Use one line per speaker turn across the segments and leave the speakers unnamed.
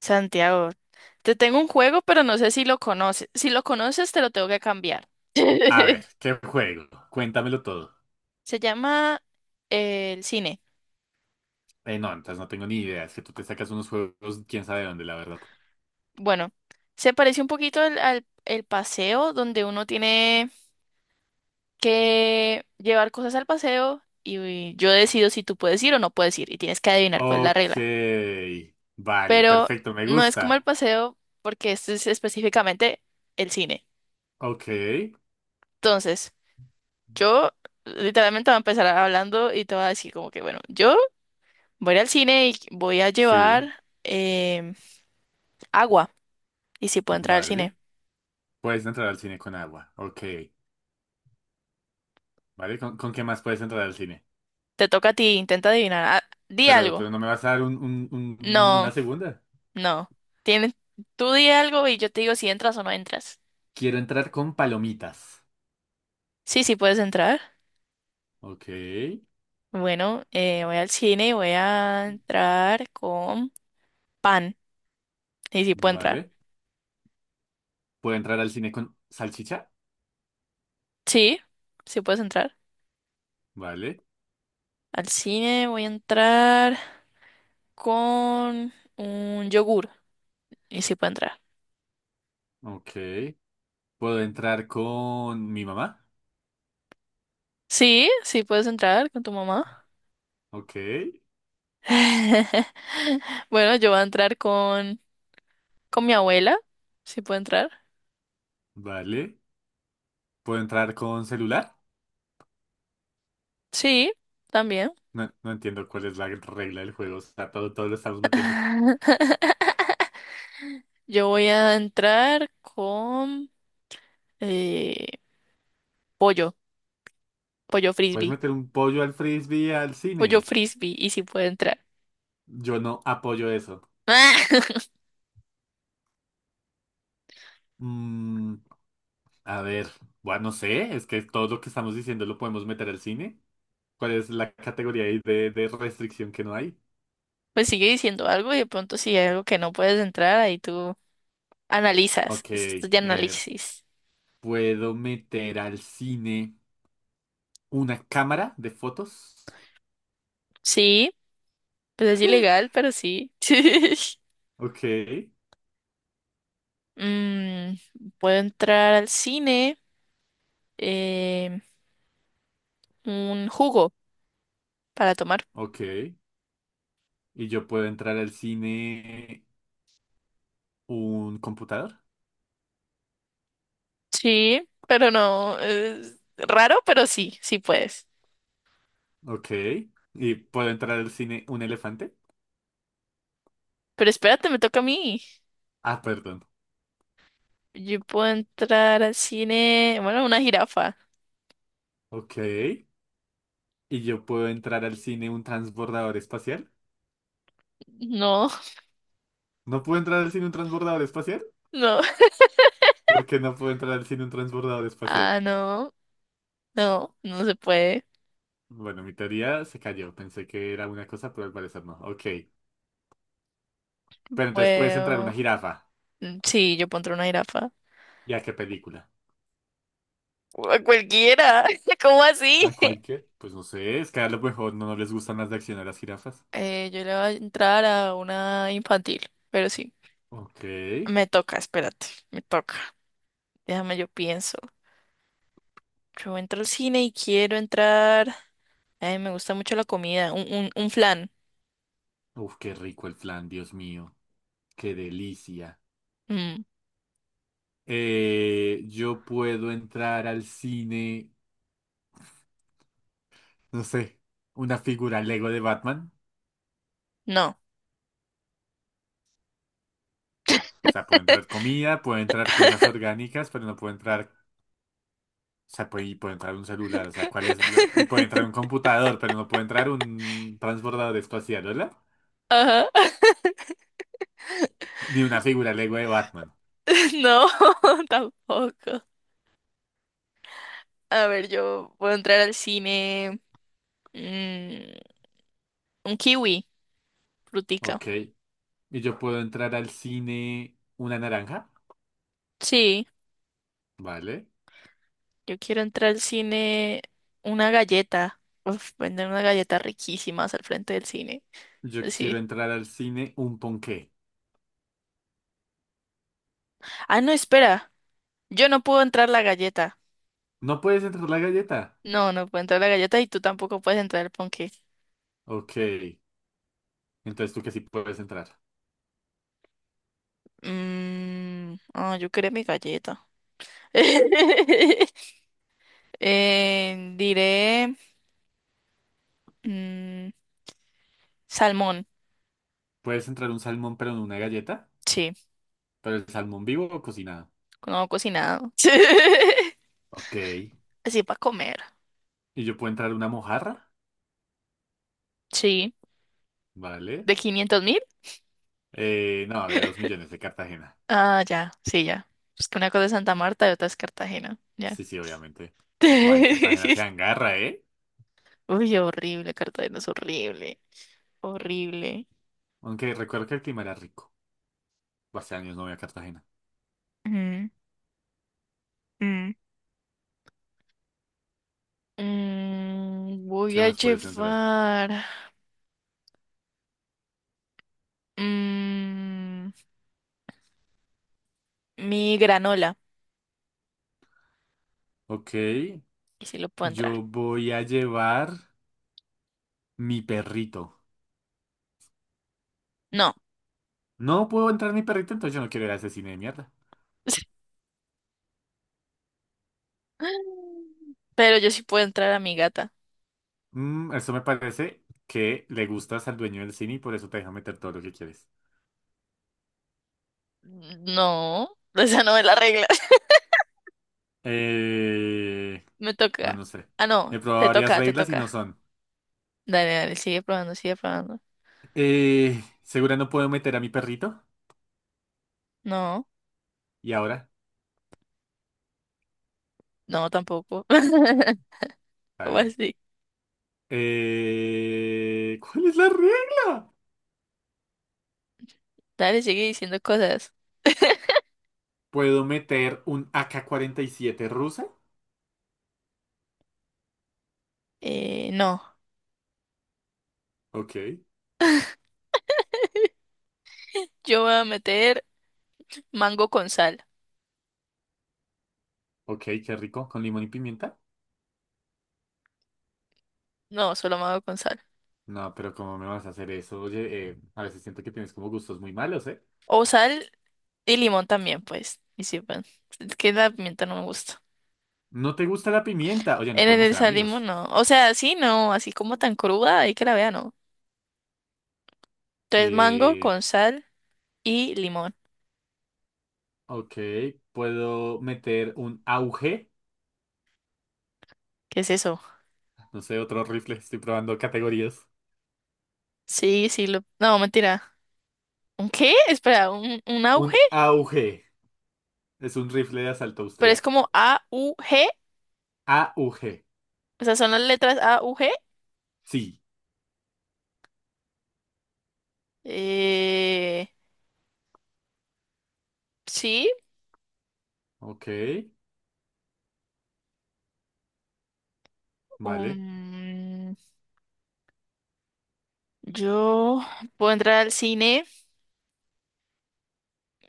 Santiago, te tengo un juego, pero no sé si lo conoces. Si lo conoces, te lo tengo que cambiar.
A ver, ¿qué juego? Cuéntamelo todo.
Se llama el cine.
No, entonces no tengo ni idea. Es que tú te sacas unos juegos, quién sabe dónde, la verdad.
Bueno, se parece un poquito el paseo, donde uno tiene que llevar cosas al paseo y yo decido si tú puedes ir o no puedes ir y tienes que adivinar cuál es la
Ok.
regla.
Vale,
Pero
perfecto, me
no es
gusta.
como el paseo, porque este es específicamente el cine.
Ok.
Entonces, yo literalmente voy a empezar hablando y te voy a decir como que, bueno, yo... Voy a ir al cine y voy a
Sí,
llevar agua. Y si puedo entrar al
vale.
cine.
Puedes entrar al cine con agua. Ok. Vale, ¿con qué más puedes entrar al cine?
Te toca a ti, intenta adivinar. Ah, di
Pero,
algo.
pero no me vas a dar
No,
una segunda.
no. Tienes, tú di algo y yo te digo si entras o no entras.
Quiero entrar con palomitas.
Sí, sí puedes entrar.
Ok.
Bueno, voy al cine y voy a entrar con pan. Y si puedo entrar.
Vale. ¿Puedo entrar al cine con salchicha?
Sí, sí puedes entrar.
Vale.
Al cine voy a entrar con un yogur. Y si puedo entrar.
Ok. ¿Puedo entrar con mi mamá?
Sí, sí puedes entrar con tu mamá.
Ok,
Bueno, yo voy a entrar con mi abuela, si puedo entrar.
vale. ¿Puedo entrar con celular?
Sí, también.
No, no entiendo cuál es la regla del juego. O sea, todo, todo lo estamos metiendo.
Yo voy a entrar con eh, pollo, pollo
¿Puedes
frisbee,
meter un pollo al frisbee al
pollo
cine?
frisbee, y si puedo entrar.
Yo no apoyo eso. Mm, a ver, bueno, no sé, es que todo lo que estamos diciendo lo podemos meter al cine. ¿Cuál es la categoría ahí de restricción que no hay?
Pues sigue diciendo algo y de pronto si hay algo que no puedes entrar, ahí tú analizas.
Ok,
Es esto de análisis.
¿puedo meter al cine una cámara de fotos?
Sí, pues es ilegal, pero sí.
Ok,
Mm, puedo entrar al cine, eh, un jugo para tomar.
ok. Y yo puedo entrar al cine. ¿Un computador?
Sí, pero no. Es raro, pero sí, sí puedes.
Ok. ¿Y puedo entrar al cine un elefante?
Pero espérate, me toca a mí.
Ah, perdón.
Yo puedo entrar al cine. Bueno, una jirafa.
Ok. ¿Y yo puedo entrar al cine un transbordador espacial?
No,
¿No puedo entrar al cine un transbordador espacial?
no.
¿Por qué no puedo entrar al cine un transbordador espacial?
Ah, no. No, no se puede.
Bueno, mi teoría se cayó. Pensé que era una cosa, pero al parecer no. Ok. Pero entonces puedes entrar una
Puedo.
jirafa.
Mm, sí, yo puedo entrar a una jirafa.
¿Y a qué película?
A cualquiera. ¿Cómo así?
¿A cualquier? Pues no sé, es que a lo mejor no, no les gustan las de acción a las jirafas.
Yo le voy a entrar a una infantil, pero sí.
Ok.
Me toca, espérate, me toca. Déjame, yo pienso. Yo entro al cine y quiero entrar. Ay, me gusta mucho la comida. Un flan.
Uf, qué rico el flan, Dios mío. Qué delicia.
Mm,
Yo puedo entrar al cine, no sé, una figura Lego de Batman.
no.
O sea, puede entrar comida, puede entrar cosas orgánicas, pero no puede entrar, o sea, puede, y puede entrar un celular, o sea, ¿cuál es y puede entrar un computador, pero no puede entrar un transbordador espacial, ¿verdad?
Ajá.
Ni una figura Lego de Batman.
No, tampoco. A ver, yo puedo entrar al cine. mm, un kiwi, frutica.
Ok. Y yo puedo entrar al cine una naranja,
Sí,
¿vale?
yo quiero entrar al cine. Una galleta. Uf, venden unas galletas riquísimas al frente del cine.
Yo
Pues
quiero
sí.
entrar al cine un ponqué.
Ah, no, espera. Yo no puedo entrar la galleta.
No puedes entrar la galleta.
No, no puedo entrar la galleta y tú tampoco puedes entrar el ponqué.
Ok. Entonces tú que sí puedes entrar.
Mmm. Ah, yo quería mi galleta. Diré mm, salmón,
Puedes entrar un salmón, pero en una galleta.
sí,
Pero el salmón vivo o cocinado.
no cocinado.
Ok. Y
Así para comer,
yo puedo entrar una mojarra,
sí.
¿vale?
¿De 500.000?
No, de 2.000.000 de Cartagena.
Ah, ya, sí, ya. Es que una cosa es Santa Marta y otra es Cartagena, ya.
Sí, sí, obviamente. Bueno, en Cartagena se angarra, ¿eh?
Uy, horrible, Cartagena es horrible, horrible.
Aunque recuerdo que el clima era rico. Hace años no voy a Cartagena.
Mm, mm. Voy
¿Qué
a
más puedes entrar?
llevar mm, mi granola,
Ok,
y si lo puedo entrar.
yo voy a llevar mi perrito.
No.
No puedo entrar mi perrito, entonces yo no quiero ir a ese cine de mierda.
Pero yo sí puedo entrar a mi gata.
Mm, eso me parece que le gustas al dueño del cine y por eso te deja meter todo lo que quieres.
No, esa no es la regla.
Eh,
Me
no,
toca.
no sé.
Ah, no,
He probado
te
varias
toca, te
reglas y
toca.
no son.
Dale, dale, sigue probando, sigue probando.
¿Segura no puedo meter a mi perrito?
No,
Y ahora,
no, tampoco.
está
¿Cómo
bien.
así?
¿Cuál es la regla?
Dale, sigue diciendo cosas.
¿Puedo meter un AK7 rusa?
No,
Ok,
yo voy a meter mango con sal.
ok, qué rico, con limón y pimienta.
No, solo mango con sal.
No, pero ¿cómo me vas a hacer eso? Oye, a veces siento que tienes como gustos muy malos, ¿eh?
O sal y limón también, pues. Y sí, bueno, es que la pimienta no me gusta.
¿No te gusta la pimienta? Oye, no
En
podemos
el
ser
sal limón
amigos.
no. O sea, sí, no, así como tan cruda, ahí que la vea, no. Entonces mango
Eh,
con sal y limón.
ok, ¿puedo meter un auge?
¿Qué es eso?
No sé, otro rifle. Estoy probando categorías.
Sí, sí, lo... No, mentira. ¿Un qué? Espera, ¿un
Un
auge?
AUG. Es un rifle de asalto
Pero es
austriaco.
como AUG.
AUG.
O sea, son las letras AUG.
Sí.
Eh... Sí.
Ok. Vale.
um, Yo puedo entrar al cine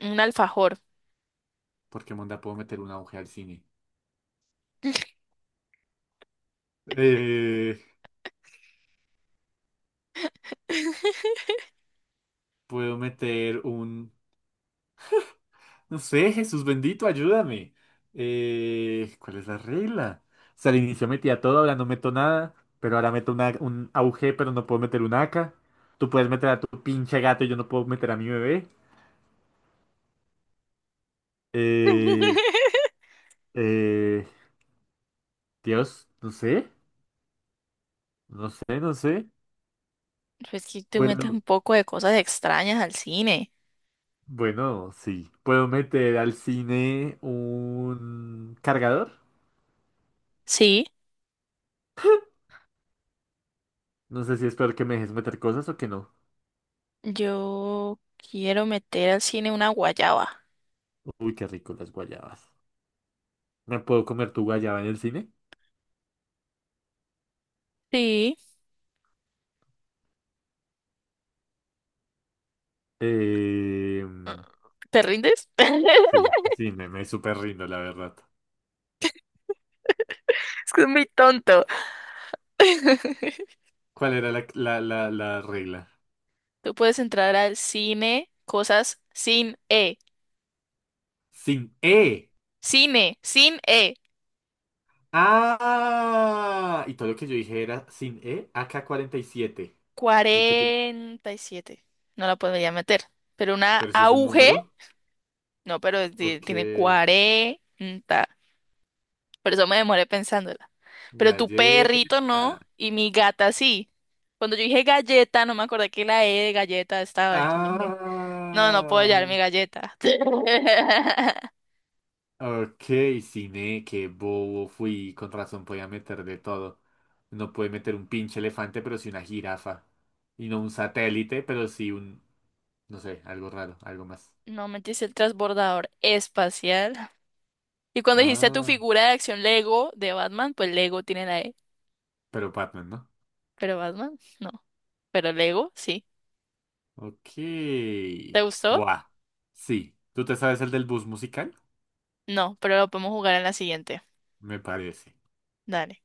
un alfajor.
¿Por qué monda puedo meter un AUG al cine? Eh, Puedo meter un... No sé, Jesús bendito, ayúdame. ¿Cuál es la regla? O sea, al inicio metía todo, ahora no meto nada. Pero ahora meto un AUG, pero no puedo meter un AK. Tú puedes meter a tu pinche gato y yo no puedo meter a mi bebé. Eh, eh, Dios, no sé, no sé, no sé.
Pues que te metes
Puedo,
un poco de cosas extrañas al cine.
bueno, sí. Puedo meter al cine un cargador.
Sí.
No sé si es peor que me dejes meter cosas o que no.
Yo quiero meter al cine una guayaba.
Uy, qué rico las guayabas. ¿Me puedo comer tu guayaba en el cine?
Sí.
Eh,
¿Te rindes?
sí, sí, me súper rindo, la verdad.
Es que es muy tonto.
¿Cuál era la regla?
Tú puedes entrar al cine, cosas sin E.
Sin E.
Cine, sin E.
Ah, y todo lo que yo dije era sin E, AK47. ¿Y qué tiene?
47. No la podría meter. Pero una
Pero si es un
auge,
número.
no, pero
Ok,
tiene 40. Por eso me demoré pensándola. Pero tu perrito no,
galleta.
y mi gata sí. Cuando yo dije galleta, no me acordé que la E de galleta estaba. Entonces dije, no, no puedo
Ah,
llevar mi galleta.
ok, cine, qué bobo fui. Con razón podía meter de todo. No puede meter un pinche elefante, pero sí una jirafa. Y no un satélite, pero sí un, no sé, algo raro, algo más.
No me dice el transbordador espacial. Y cuando dijiste tu
Ah,
figura de acción Lego de Batman, pues Lego tiene la E.
pero Batman, ¿no?
Pero Batman, no. Pero Lego, sí.
Ok.
¿Te gustó?
Buah. Sí. ¿Tú te sabes el del bus musical?
No, pero lo podemos jugar en la siguiente.
Me parece.
Dale.